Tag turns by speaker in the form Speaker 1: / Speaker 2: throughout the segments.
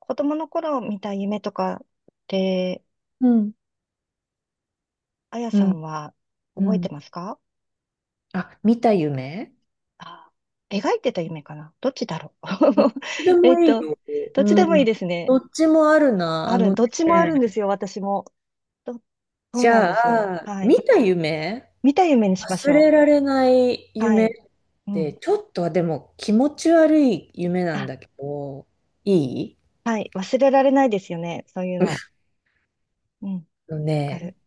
Speaker 1: 子供の頃見た夢とかって、
Speaker 2: うん。
Speaker 1: あや
Speaker 2: う
Speaker 1: さ
Speaker 2: ん、
Speaker 1: んは
Speaker 2: う
Speaker 1: 覚えて
Speaker 2: ん。
Speaker 1: ますか？
Speaker 2: あ、見た夢。
Speaker 1: あ、描いてた夢かな、どっちだろう。
Speaker 2: どっちで
Speaker 1: え
Speaker 2: も
Speaker 1: っ
Speaker 2: いい
Speaker 1: と、
Speaker 2: よ。
Speaker 1: どっちで
Speaker 2: う
Speaker 1: もいい
Speaker 2: ん。
Speaker 1: ですね。
Speaker 2: どっちもあるな。
Speaker 1: あ
Speaker 2: あ
Speaker 1: る、
Speaker 2: の
Speaker 1: どっちもあ
Speaker 2: ね、
Speaker 1: るんですよ、私も。ど、そう
Speaker 2: じ
Speaker 1: なん
Speaker 2: ゃ
Speaker 1: ですよ。
Speaker 2: あ、
Speaker 1: は
Speaker 2: 見
Speaker 1: い。
Speaker 2: た夢、
Speaker 1: 見た夢にしまし
Speaker 2: 忘
Speaker 1: ょ
Speaker 2: れられない
Speaker 1: う。は
Speaker 2: 夢っ
Speaker 1: い。う
Speaker 2: て、
Speaker 1: ん。
Speaker 2: ちょっとはでも気持ち悪い夢なん
Speaker 1: あ、
Speaker 2: だけど、いい
Speaker 1: はい。忘れられないですよね、そういうの。うん。わ
Speaker 2: の
Speaker 1: か
Speaker 2: ね、
Speaker 1: る。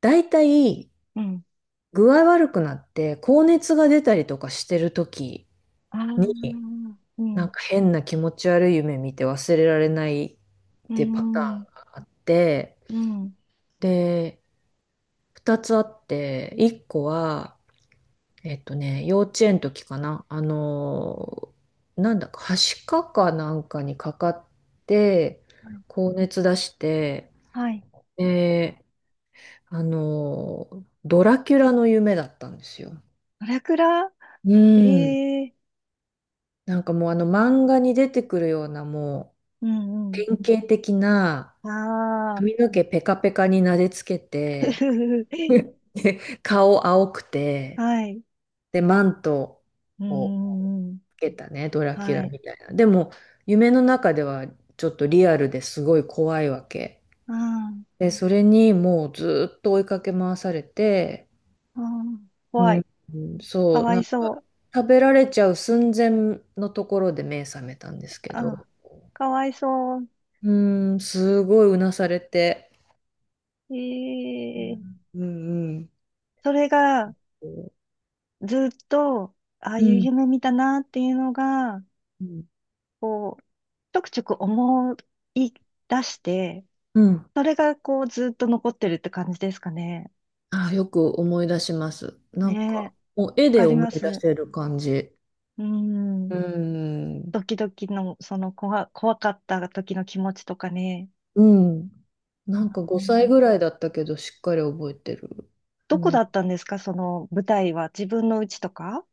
Speaker 2: だいたい
Speaker 1: うん。
Speaker 2: 具合悪くなって高熱が出たりとかしてる時
Speaker 1: ああ、う
Speaker 2: に、
Speaker 1: ん。
Speaker 2: なん
Speaker 1: う
Speaker 2: か変な気持ち悪い夢見て忘れられないっ
Speaker 1: ー
Speaker 2: てパター
Speaker 1: ん。
Speaker 2: ンがあって、
Speaker 1: うん。
Speaker 2: で、二つあって、一個は、幼稚園の時かな、なんだか、はしかかなんかにかかって、
Speaker 1: はい。
Speaker 2: 高熱出して、
Speaker 1: はい。
Speaker 2: で、ドラキュラの夢だったんですよ。
Speaker 1: ドラクラ。
Speaker 2: うん。
Speaker 1: ええ。
Speaker 2: なんかもうあの漫画に出てくるようなもう
Speaker 1: うんうん。
Speaker 2: 典型的な
Speaker 1: ああ、
Speaker 2: 髪の毛ペカペカになでつけ
Speaker 1: ふ
Speaker 2: て、
Speaker 1: ふふ。
Speaker 2: で顔青くて、
Speaker 1: はい。
Speaker 2: で、マント
Speaker 1: うん
Speaker 2: を
Speaker 1: うんうん。
Speaker 2: けたね、ドラキュ
Speaker 1: は
Speaker 2: ラ
Speaker 1: い。
Speaker 2: みたいな。でも、夢の中ではちょっとリアルですごい怖いわけ。
Speaker 1: あ
Speaker 2: で、それにもうずーっと追いかけ回されて、
Speaker 1: あ、ああ、
Speaker 2: う
Speaker 1: 怖
Speaker 2: ん、
Speaker 1: い。
Speaker 2: うん
Speaker 1: か
Speaker 2: そう、
Speaker 1: わい
Speaker 2: なんか
Speaker 1: そう。
Speaker 2: 食べられちゃう寸前のところで目覚めたんですけ
Speaker 1: ああ、
Speaker 2: ど、
Speaker 1: かわいそう。
Speaker 2: うん、すごいうなされて、
Speaker 1: ええ。
Speaker 2: うんうん
Speaker 1: それが、
Speaker 2: うん。
Speaker 1: ずっと、ああいう夢見たなっていうのが、
Speaker 2: うん
Speaker 1: こう、ちょくちょく思い出して、
Speaker 2: うん。
Speaker 1: それが、こう、ずっと残ってるって感じですかね。
Speaker 2: あー、よく思い出します。なん
Speaker 1: ねえ、わ
Speaker 2: か、もう絵
Speaker 1: か
Speaker 2: で
Speaker 1: り
Speaker 2: 思い
Speaker 1: ま
Speaker 2: 出
Speaker 1: す。
Speaker 2: せる感じ。
Speaker 1: うん。
Speaker 2: うん。
Speaker 1: ドキドキの、その怖かった時の気持ちとかね。
Speaker 2: うん。なんか
Speaker 1: う
Speaker 2: 5歳
Speaker 1: ん、
Speaker 2: ぐらいだったけど、しっかり覚えてる。
Speaker 1: ど
Speaker 2: う
Speaker 1: こ
Speaker 2: ん。
Speaker 1: だったんですか、その舞台は。自分の家とか。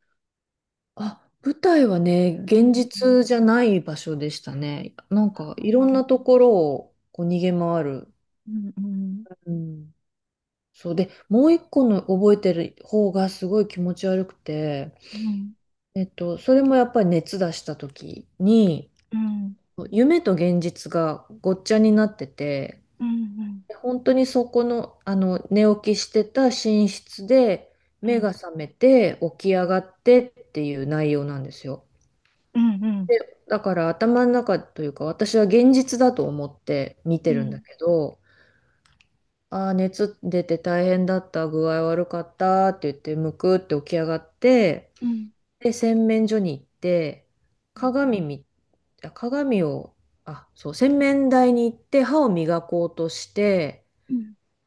Speaker 2: あ、舞台はね、
Speaker 1: う
Speaker 2: 現
Speaker 1: んうん。
Speaker 2: 実じゃない場所でしたね。なん
Speaker 1: あ
Speaker 2: か、いろんな
Speaker 1: ー。
Speaker 2: ところをこう逃げ回る。
Speaker 1: うんうん
Speaker 2: うん。そうで、もう一個の覚えてる方がすごい気持ち悪くて、
Speaker 1: うん
Speaker 2: それもやっぱり熱出した時に、
Speaker 1: うん
Speaker 2: 夢と現実がごっちゃになってて、
Speaker 1: うんうん
Speaker 2: 本当にそこの、あの寝起きしてた寝室で
Speaker 1: う
Speaker 2: 目
Speaker 1: ん
Speaker 2: が覚めて起き上がってっていう内容なんですよ。
Speaker 1: うんうん
Speaker 2: で、だから頭の中というか私は現実だと思って見
Speaker 1: う
Speaker 2: てるんだ
Speaker 1: ん
Speaker 2: けど、ああ、熱出て大変だった、具合悪かったって言ってむくって起き上がって、
Speaker 1: うんうん
Speaker 2: で、洗面所に行って、鏡み、あ鏡を、あ、そう、洗面台に行って歯を磨こうとして、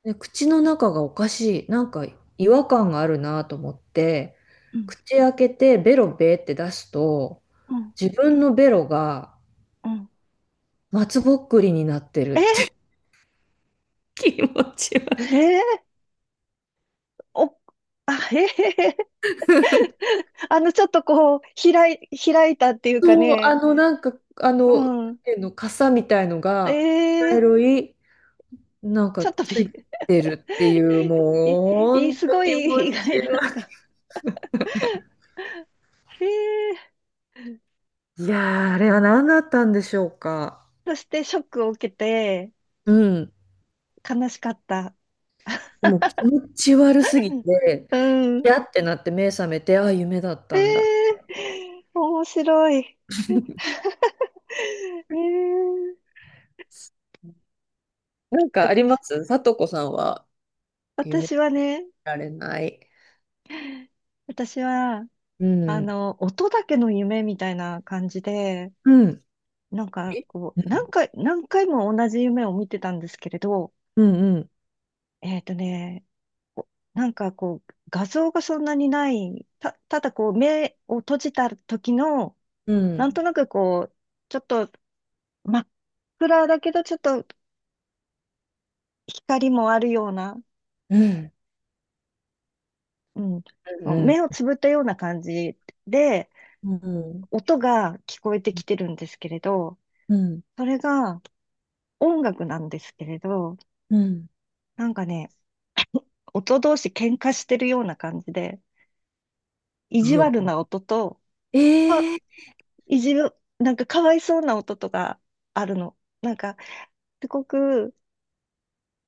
Speaker 2: で、口の中がおかしい、なんか違和感があるなと思って、口開けてベロベーって出すと、
Speaker 1: うん。
Speaker 2: 自分のベロが
Speaker 1: うん。
Speaker 2: 松ぼっくりになってるって。
Speaker 1: え
Speaker 2: 気持ち悪い。
Speaker 1: え。お。あ、ええ。あの、ちょっとこう開いたっていうか
Speaker 2: そう、
Speaker 1: ね。
Speaker 2: なんか、
Speaker 1: う
Speaker 2: なん
Speaker 1: ん。
Speaker 2: ていうの、傘みたいのが、茶
Speaker 1: ええ。
Speaker 2: 色い、なん
Speaker 1: ち
Speaker 2: か
Speaker 1: ょっとび、
Speaker 2: ついてるっていう、
Speaker 1: い、
Speaker 2: もう、ほ
Speaker 1: い、
Speaker 2: ん
Speaker 1: す
Speaker 2: と
Speaker 1: ご
Speaker 2: 気持ち
Speaker 1: い意外だっ
Speaker 2: 悪
Speaker 1: た。ええ。
Speaker 2: い。いやー、あれは何だったんでしょうか。
Speaker 1: そしてショックを受けて
Speaker 2: うん。
Speaker 1: 悲しかった。
Speaker 2: でも気持ち悪すぎて、
Speaker 1: うん。
Speaker 2: やってなって目覚めて、あ、夢だっ
Speaker 1: え
Speaker 2: たんだ。
Speaker 1: え。面白い。ええ
Speaker 2: なんかありま
Speaker 1: と、
Speaker 2: す、さとこさんは？夢見
Speaker 1: 私はね、
Speaker 2: られない？
Speaker 1: 私は、
Speaker 2: う
Speaker 1: あ
Speaker 2: ん。
Speaker 1: の、音だけの夢みたいな感じで、
Speaker 2: うん。
Speaker 1: なんか
Speaker 2: え
Speaker 1: こう、
Speaker 2: うん。
Speaker 1: 何回も同じ夢を見てたんですけれど、
Speaker 2: うんうん。
Speaker 1: えっとね、なんかこう、画像がそんなにない、ただこう、目を閉じた時の、
Speaker 2: う
Speaker 1: なん
Speaker 2: ん。
Speaker 1: となくこう、ちょっと真っ暗だけど、ちょっと光もあるような、
Speaker 2: うん
Speaker 1: うん、そ
Speaker 2: う
Speaker 1: う
Speaker 2: ん。
Speaker 1: 目をつぶったような感じで、
Speaker 2: う
Speaker 1: 音が聞こえてきてるんですけれど、
Speaker 2: ん。
Speaker 1: それが音楽なんですけれど、
Speaker 2: うん。
Speaker 1: なんかね、音同士喧嘩してるような感じで、意地
Speaker 2: う
Speaker 1: 悪
Speaker 2: わ。
Speaker 1: な音と、あ、
Speaker 2: えー。
Speaker 1: 意地、なんかかわいそうな音とかあるの。なんか、すごく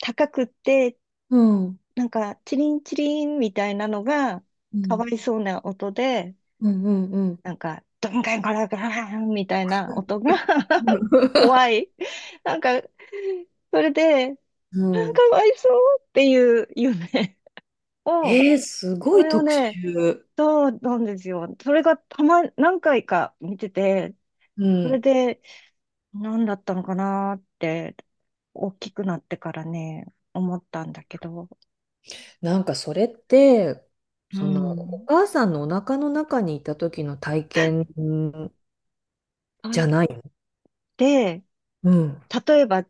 Speaker 1: 高くって、
Speaker 2: うん。
Speaker 1: なんか、チリンチリンみたいなのが、
Speaker 2: う
Speaker 1: か
Speaker 2: ん。
Speaker 1: わいそうな音で、
Speaker 2: うんうんうん。
Speaker 1: なんか、ドンガンガラガランみたいな音が 怖い。なんか、それで、あ、
Speaker 2: うん。
Speaker 1: かわいそうっていう夢を、
Speaker 2: えー、すご
Speaker 1: そ
Speaker 2: い
Speaker 1: れを
Speaker 2: 特
Speaker 1: ね、
Speaker 2: 集。
Speaker 1: そうなんですよ。それがたま、何回か見てて、
Speaker 2: う
Speaker 1: それ
Speaker 2: ん。
Speaker 1: で、何だったのかなって、大きくなってからね、思ったんだけど、
Speaker 2: なんかそれって、
Speaker 1: う
Speaker 2: そのお
Speaker 1: ん。
Speaker 2: 母さんのお腹の中にいた時の体験
Speaker 1: は
Speaker 2: じゃ
Speaker 1: い。
Speaker 2: ない？
Speaker 1: で、
Speaker 2: うん。
Speaker 1: 例えば、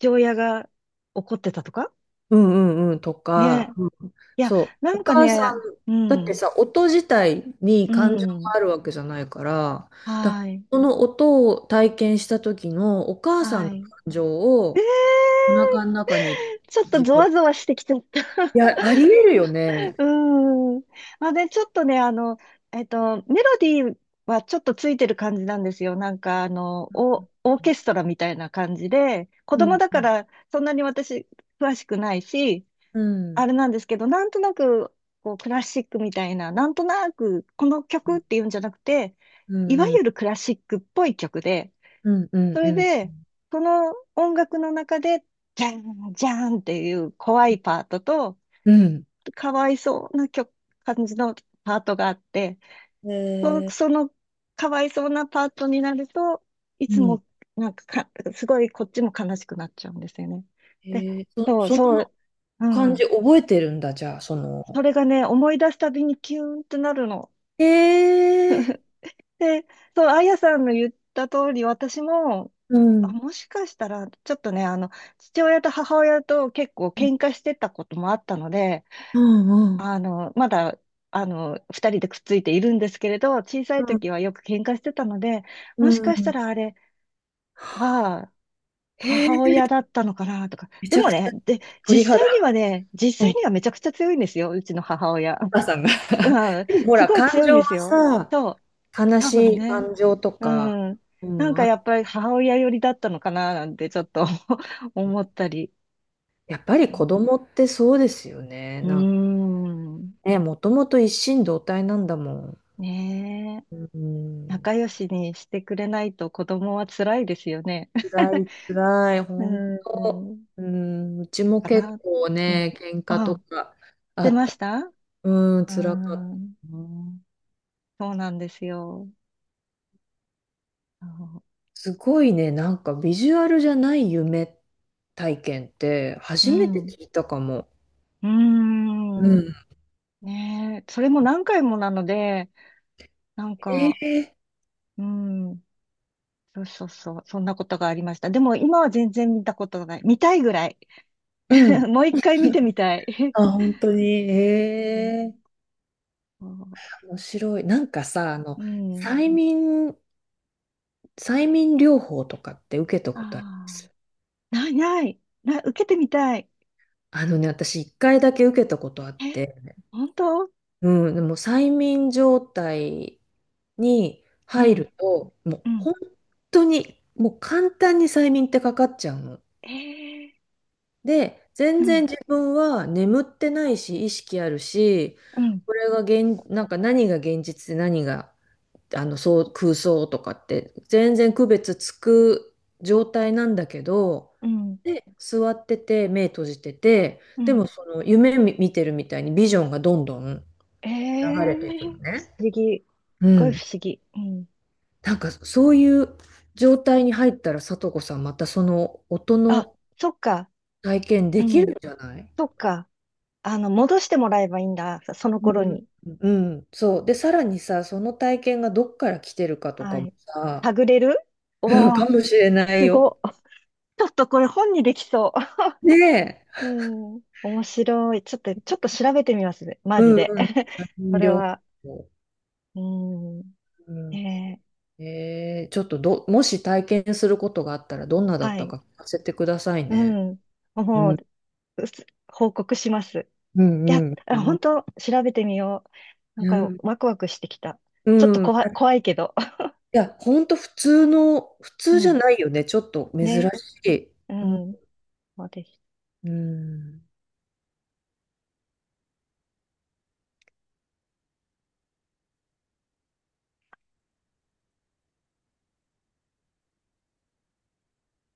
Speaker 1: 父親が怒ってたとか
Speaker 2: うんうんうんとか、
Speaker 1: ね。
Speaker 2: うん
Speaker 1: いや、
Speaker 2: そう、
Speaker 1: な
Speaker 2: お
Speaker 1: んか
Speaker 2: 母さ
Speaker 1: ね、
Speaker 2: ん、
Speaker 1: う
Speaker 2: だって
Speaker 1: ん、
Speaker 2: さ、音自体に
Speaker 1: う
Speaker 2: 感情が
Speaker 1: ん、
Speaker 2: あるわけじゃないから、だ
Speaker 1: はい、
Speaker 2: その音を体験した時のお母さん
Speaker 1: は
Speaker 2: の感
Speaker 1: い。
Speaker 2: 情をお腹の中に
Speaker 1: ちょっと
Speaker 2: 自
Speaker 1: ゾ
Speaker 2: 分、
Speaker 1: ワゾワしてきちゃった。
Speaker 2: い や、ありえるよね。
Speaker 1: うん。まあね、ちょっとね、メロディーはちょっとついてる感じなんですよ。なんか、あの、オオーケストラみたいな感じで、子
Speaker 2: う
Speaker 1: 供
Speaker 2: ん、
Speaker 1: だからそんなに私詳しくないし、
Speaker 2: う
Speaker 1: あ
Speaker 2: ん、
Speaker 1: れなんですけど、なんとなく、こう、クラシックみたいな、なんとなく、この曲っていうんじゃなくて、
Speaker 2: う
Speaker 1: い
Speaker 2: ん、
Speaker 1: わ
Speaker 2: うん、
Speaker 1: ゆるクラシックっぽい曲で、
Speaker 2: うん、うん、
Speaker 1: そ
Speaker 2: う
Speaker 1: れ
Speaker 2: ん、
Speaker 1: で、その音楽の中で、じゃん、じゃんっていう怖いパートと、
Speaker 2: うん。
Speaker 1: かわいそうな曲、感じのパートがあって、
Speaker 2: えー、
Speaker 1: そのかわいそうなパートになると、い
Speaker 2: う
Speaker 1: つ
Speaker 2: ん。
Speaker 1: も、なんかか、すごいこっちも悲しくなっちゃうんですよね。
Speaker 2: え
Speaker 1: で、
Speaker 2: ー、そ、そ
Speaker 1: そ
Speaker 2: の
Speaker 1: う、う
Speaker 2: 感
Speaker 1: ん。
Speaker 2: じ覚えてるんだ、じゃあ、そ
Speaker 1: そ
Speaker 2: の。
Speaker 1: れがね、思い出すたびにキューンってなるの。
Speaker 2: えー、
Speaker 1: で、そう、あやさんの言った通り、私も、
Speaker 2: う
Speaker 1: あ、
Speaker 2: ん。
Speaker 1: もしかしたら、ちょっとね、あの、父親と母親と結構
Speaker 2: うん
Speaker 1: 喧嘩してたこともあったので、
Speaker 2: うん。
Speaker 1: あの、まだ、あの、二人でくっついているんですけれど、小さ
Speaker 2: う
Speaker 1: い
Speaker 2: ん。
Speaker 1: 時はよく喧嘩してたので、
Speaker 2: う
Speaker 1: もしかした
Speaker 2: ん。
Speaker 1: らあれは、
Speaker 2: へ
Speaker 1: 母
Speaker 2: え、
Speaker 1: 親だったのかなとか。
Speaker 2: め
Speaker 1: で
Speaker 2: ちゃ
Speaker 1: も
Speaker 2: くちゃ
Speaker 1: ね、で、
Speaker 2: 鳥肌。う
Speaker 1: 実
Speaker 2: ん
Speaker 1: 際
Speaker 2: お
Speaker 1: にはめちゃくちゃ強いんですよ、うちの母親。
Speaker 2: 母さんが
Speaker 1: うん、
Speaker 2: でもほ
Speaker 1: す
Speaker 2: ら、
Speaker 1: ごい
Speaker 2: 感
Speaker 1: 強いん
Speaker 2: 情
Speaker 1: で
Speaker 2: は
Speaker 1: すよ。そ
Speaker 2: さ、
Speaker 1: う。
Speaker 2: 悲
Speaker 1: 多
Speaker 2: し
Speaker 1: 分
Speaker 2: い
Speaker 1: ね。
Speaker 2: 感情とか、
Speaker 1: うん。
Speaker 2: う
Speaker 1: なん
Speaker 2: ん、
Speaker 1: か
Speaker 2: あ、
Speaker 1: やっぱり母親寄りだったのかななんてちょっと 思ったり。
Speaker 2: やっぱり子供っ
Speaker 1: う
Speaker 2: てそうですよ
Speaker 1: ん。
Speaker 2: ね。なんか
Speaker 1: うーん。
Speaker 2: ね、もともと一心同体なんだもん。
Speaker 1: ねえ。
Speaker 2: うん、
Speaker 1: 仲良しにしてくれないと子供は辛いですよね。
Speaker 2: 辛 い、辛い、
Speaker 1: う
Speaker 2: 本当。
Speaker 1: ん。
Speaker 2: うん、うちも
Speaker 1: か
Speaker 2: 結
Speaker 1: な。
Speaker 2: 構
Speaker 1: う
Speaker 2: ね、
Speaker 1: ん。
Speaker 2: 喧嘩と
Speaker 1: あ、
Speaker 2: かあ
Speaker 1: 出
Speaker 2: っ
Speaker 1: ま
Speaker 2: た。
Speaker 1: した。
Speaker 2: うん、
Speaker 1: う
Speaker 2: 辛かっ
Speaker 1: ん。
Speaker 2: たな。
Speaker 1: そうなんですよ。そう。
Speaker 2: すごいね、なんかビジュアルじゃない夢体験って
Speaker 1: う
Speaker 2: 初めて
Speaker 1: ん。
Speaker 2: 聞いたかも。
Speaker 1: うー
Speaker 2: う
Speaker 1: ん。
Speaker 2: ん。
Speaker 1: ねえ。それも何回もなので、なん
Speaker 2: え
Speaker 1: か、
Speaker 2: え
Speaker 1: うん。そうそうそう。そんなことがありました。でも今は全然見たことがない。見たいぐらい。
Speaker 2: う ん。
Speaker 1: もう一回見てみたい。
Speaker 2: あ、本当に。
Speaker 1: うん。
Speaker 2: ええ
Speaker 1: そ
Speaker 2: 面白い。なんかさ、
Speaker 1: う。うん。
Speaker 2: 催眠、催眠療法とかって受けた
Speaker 1: あ
Speaker 2: ことありま
Speaker 1: あ。
Speaker 2: す？
Speaker 1: ないない。な、受けてみたい。
Speaker 2: あのね、私一回だけ受けたことあっ
Speaker 1: え、
Speaker 2: て、
Speaker 1: 本当？
Speaker 2: うん、でも催眠状態に
Speaker 1: う
Speaker 2: 入
Speaker 1: ん。
Speaker 2: ると、もう
Speaker 1: うん。
Speaker 2: 本当に、もう簡単に催眠ってかかっちゃうの。
Speaker 1: ええ。
Speaker 2: で、
Speaker 1: う
Speaker 2: 全然
Speaker 1: ん。
Speaker 2: 自分は眠ってないし、意識あるし、
Speaker 1: うん。
Speaker 2: これが現、なんか何が現実で何がそう空想とかって、全然区別つく状態なんだけど、
Speaker 1: うん。
Speaker 2: で、座ってて、目閉じてて、
Speaker 1: う
Speaker 2: でも
Speaker 1: ん。
Speaker 2: その夢み見てるみたいにビジョンがどんどん流
Speaker 1: え
Speaker 2: れ
Speaker 1: え、不思
Speaker 2: ていくの
Speaker 1: 議。
Speaker 2: ね。う
Speaker 1: すごい
Speaker 2: ん。
Speaker 1: 不思議。うん。
Speaker 2: なんかそういう状態に入ったら、さとこさん、またその音
Speaker 1: あ、
Speaker 2: の
Speaker 1: そっか。
Speaker 2: 体験
Speaker 1: う
Speaker 2: できるん
Speaker 1: ん。
Speaker 2: じゃない？
Speaker 1: そっか。あの、戻してもらえばいいんだ。その
Speaker 2: う
Speaker 1: 頃
Speaker 2: ん、
Speaker 1: に。
Speaker 2: うんそう。で、さらにさ、その体験がどっから来てるかと
Speaker 1: は
Speaker 2: かも
Speaker 1: い。
Speaker 2: さ、
Speaker 1: 探れる。お お
Speaker 2: か
Speaker 1: ー、
Speaker 2: もしれない
Speaker 1: す
Speaker 2: よ。
Speaker 1: ご。ちょっとこれ本にできそ
Speaker 2: ねえ。
Speaker 1: う。うん。面白い。ちょっと、ちょっと調べてみますね。マジ
Speaker 2: うん
Speaker 1: で。
Speaker 2: う
Speaker 1: こ
Speaker 2: ん。
Speaker 1: れ
Speaker 2: 両
Speaker 1: は。
Speaker 2: 方。
Speaker 1: うん。
Speaker 2: うん、
Speaker 1: ね
Speaker 2: ちょっと、もし体験することがあったらどんな
Speaker 1: え。
Speaker 2: だっ
Speaker 1: は
Speaker 2: た
Speaker 1: い。
Speaker 2: か聞かせてください
Speaker 1: う
Speaker 2: ね。
Speaker 1: ん。
Speaker 2: う
Speaker 1: もう、
Speaker 2: ん、
Speaker 1: うす報告します。
Speaker 2: う
Speaker 1: いや、
Speaker 2: ん、う
Speaker 1: あ
Speaker 2: ん、
Speaker 1: 本
Speaker 2: う
Speaker 1: 当調べてみよう。なんか、
Speaker 2: ん。
Speaker 1: ワクワクしてきた。
Speaker 2: う
Speaker 1: ちょっと
Speaker 2: ん。
Speaker 1: い、
Speaker 2: い
Speaker 1: 怖いけど。
Speaker 2: や、ほんと普通の、普
Speaker 1: う
Speaker 2: 通じゃ
Speaker 1: ん。
Speaker 2: ないよね。ちょっと珍
Speaker 1: ね。
Speaker 2: しい。
Speaker 1: う
Speaker 2: うん。
Speaker 1: ん。そうです。
Speaker 2: うん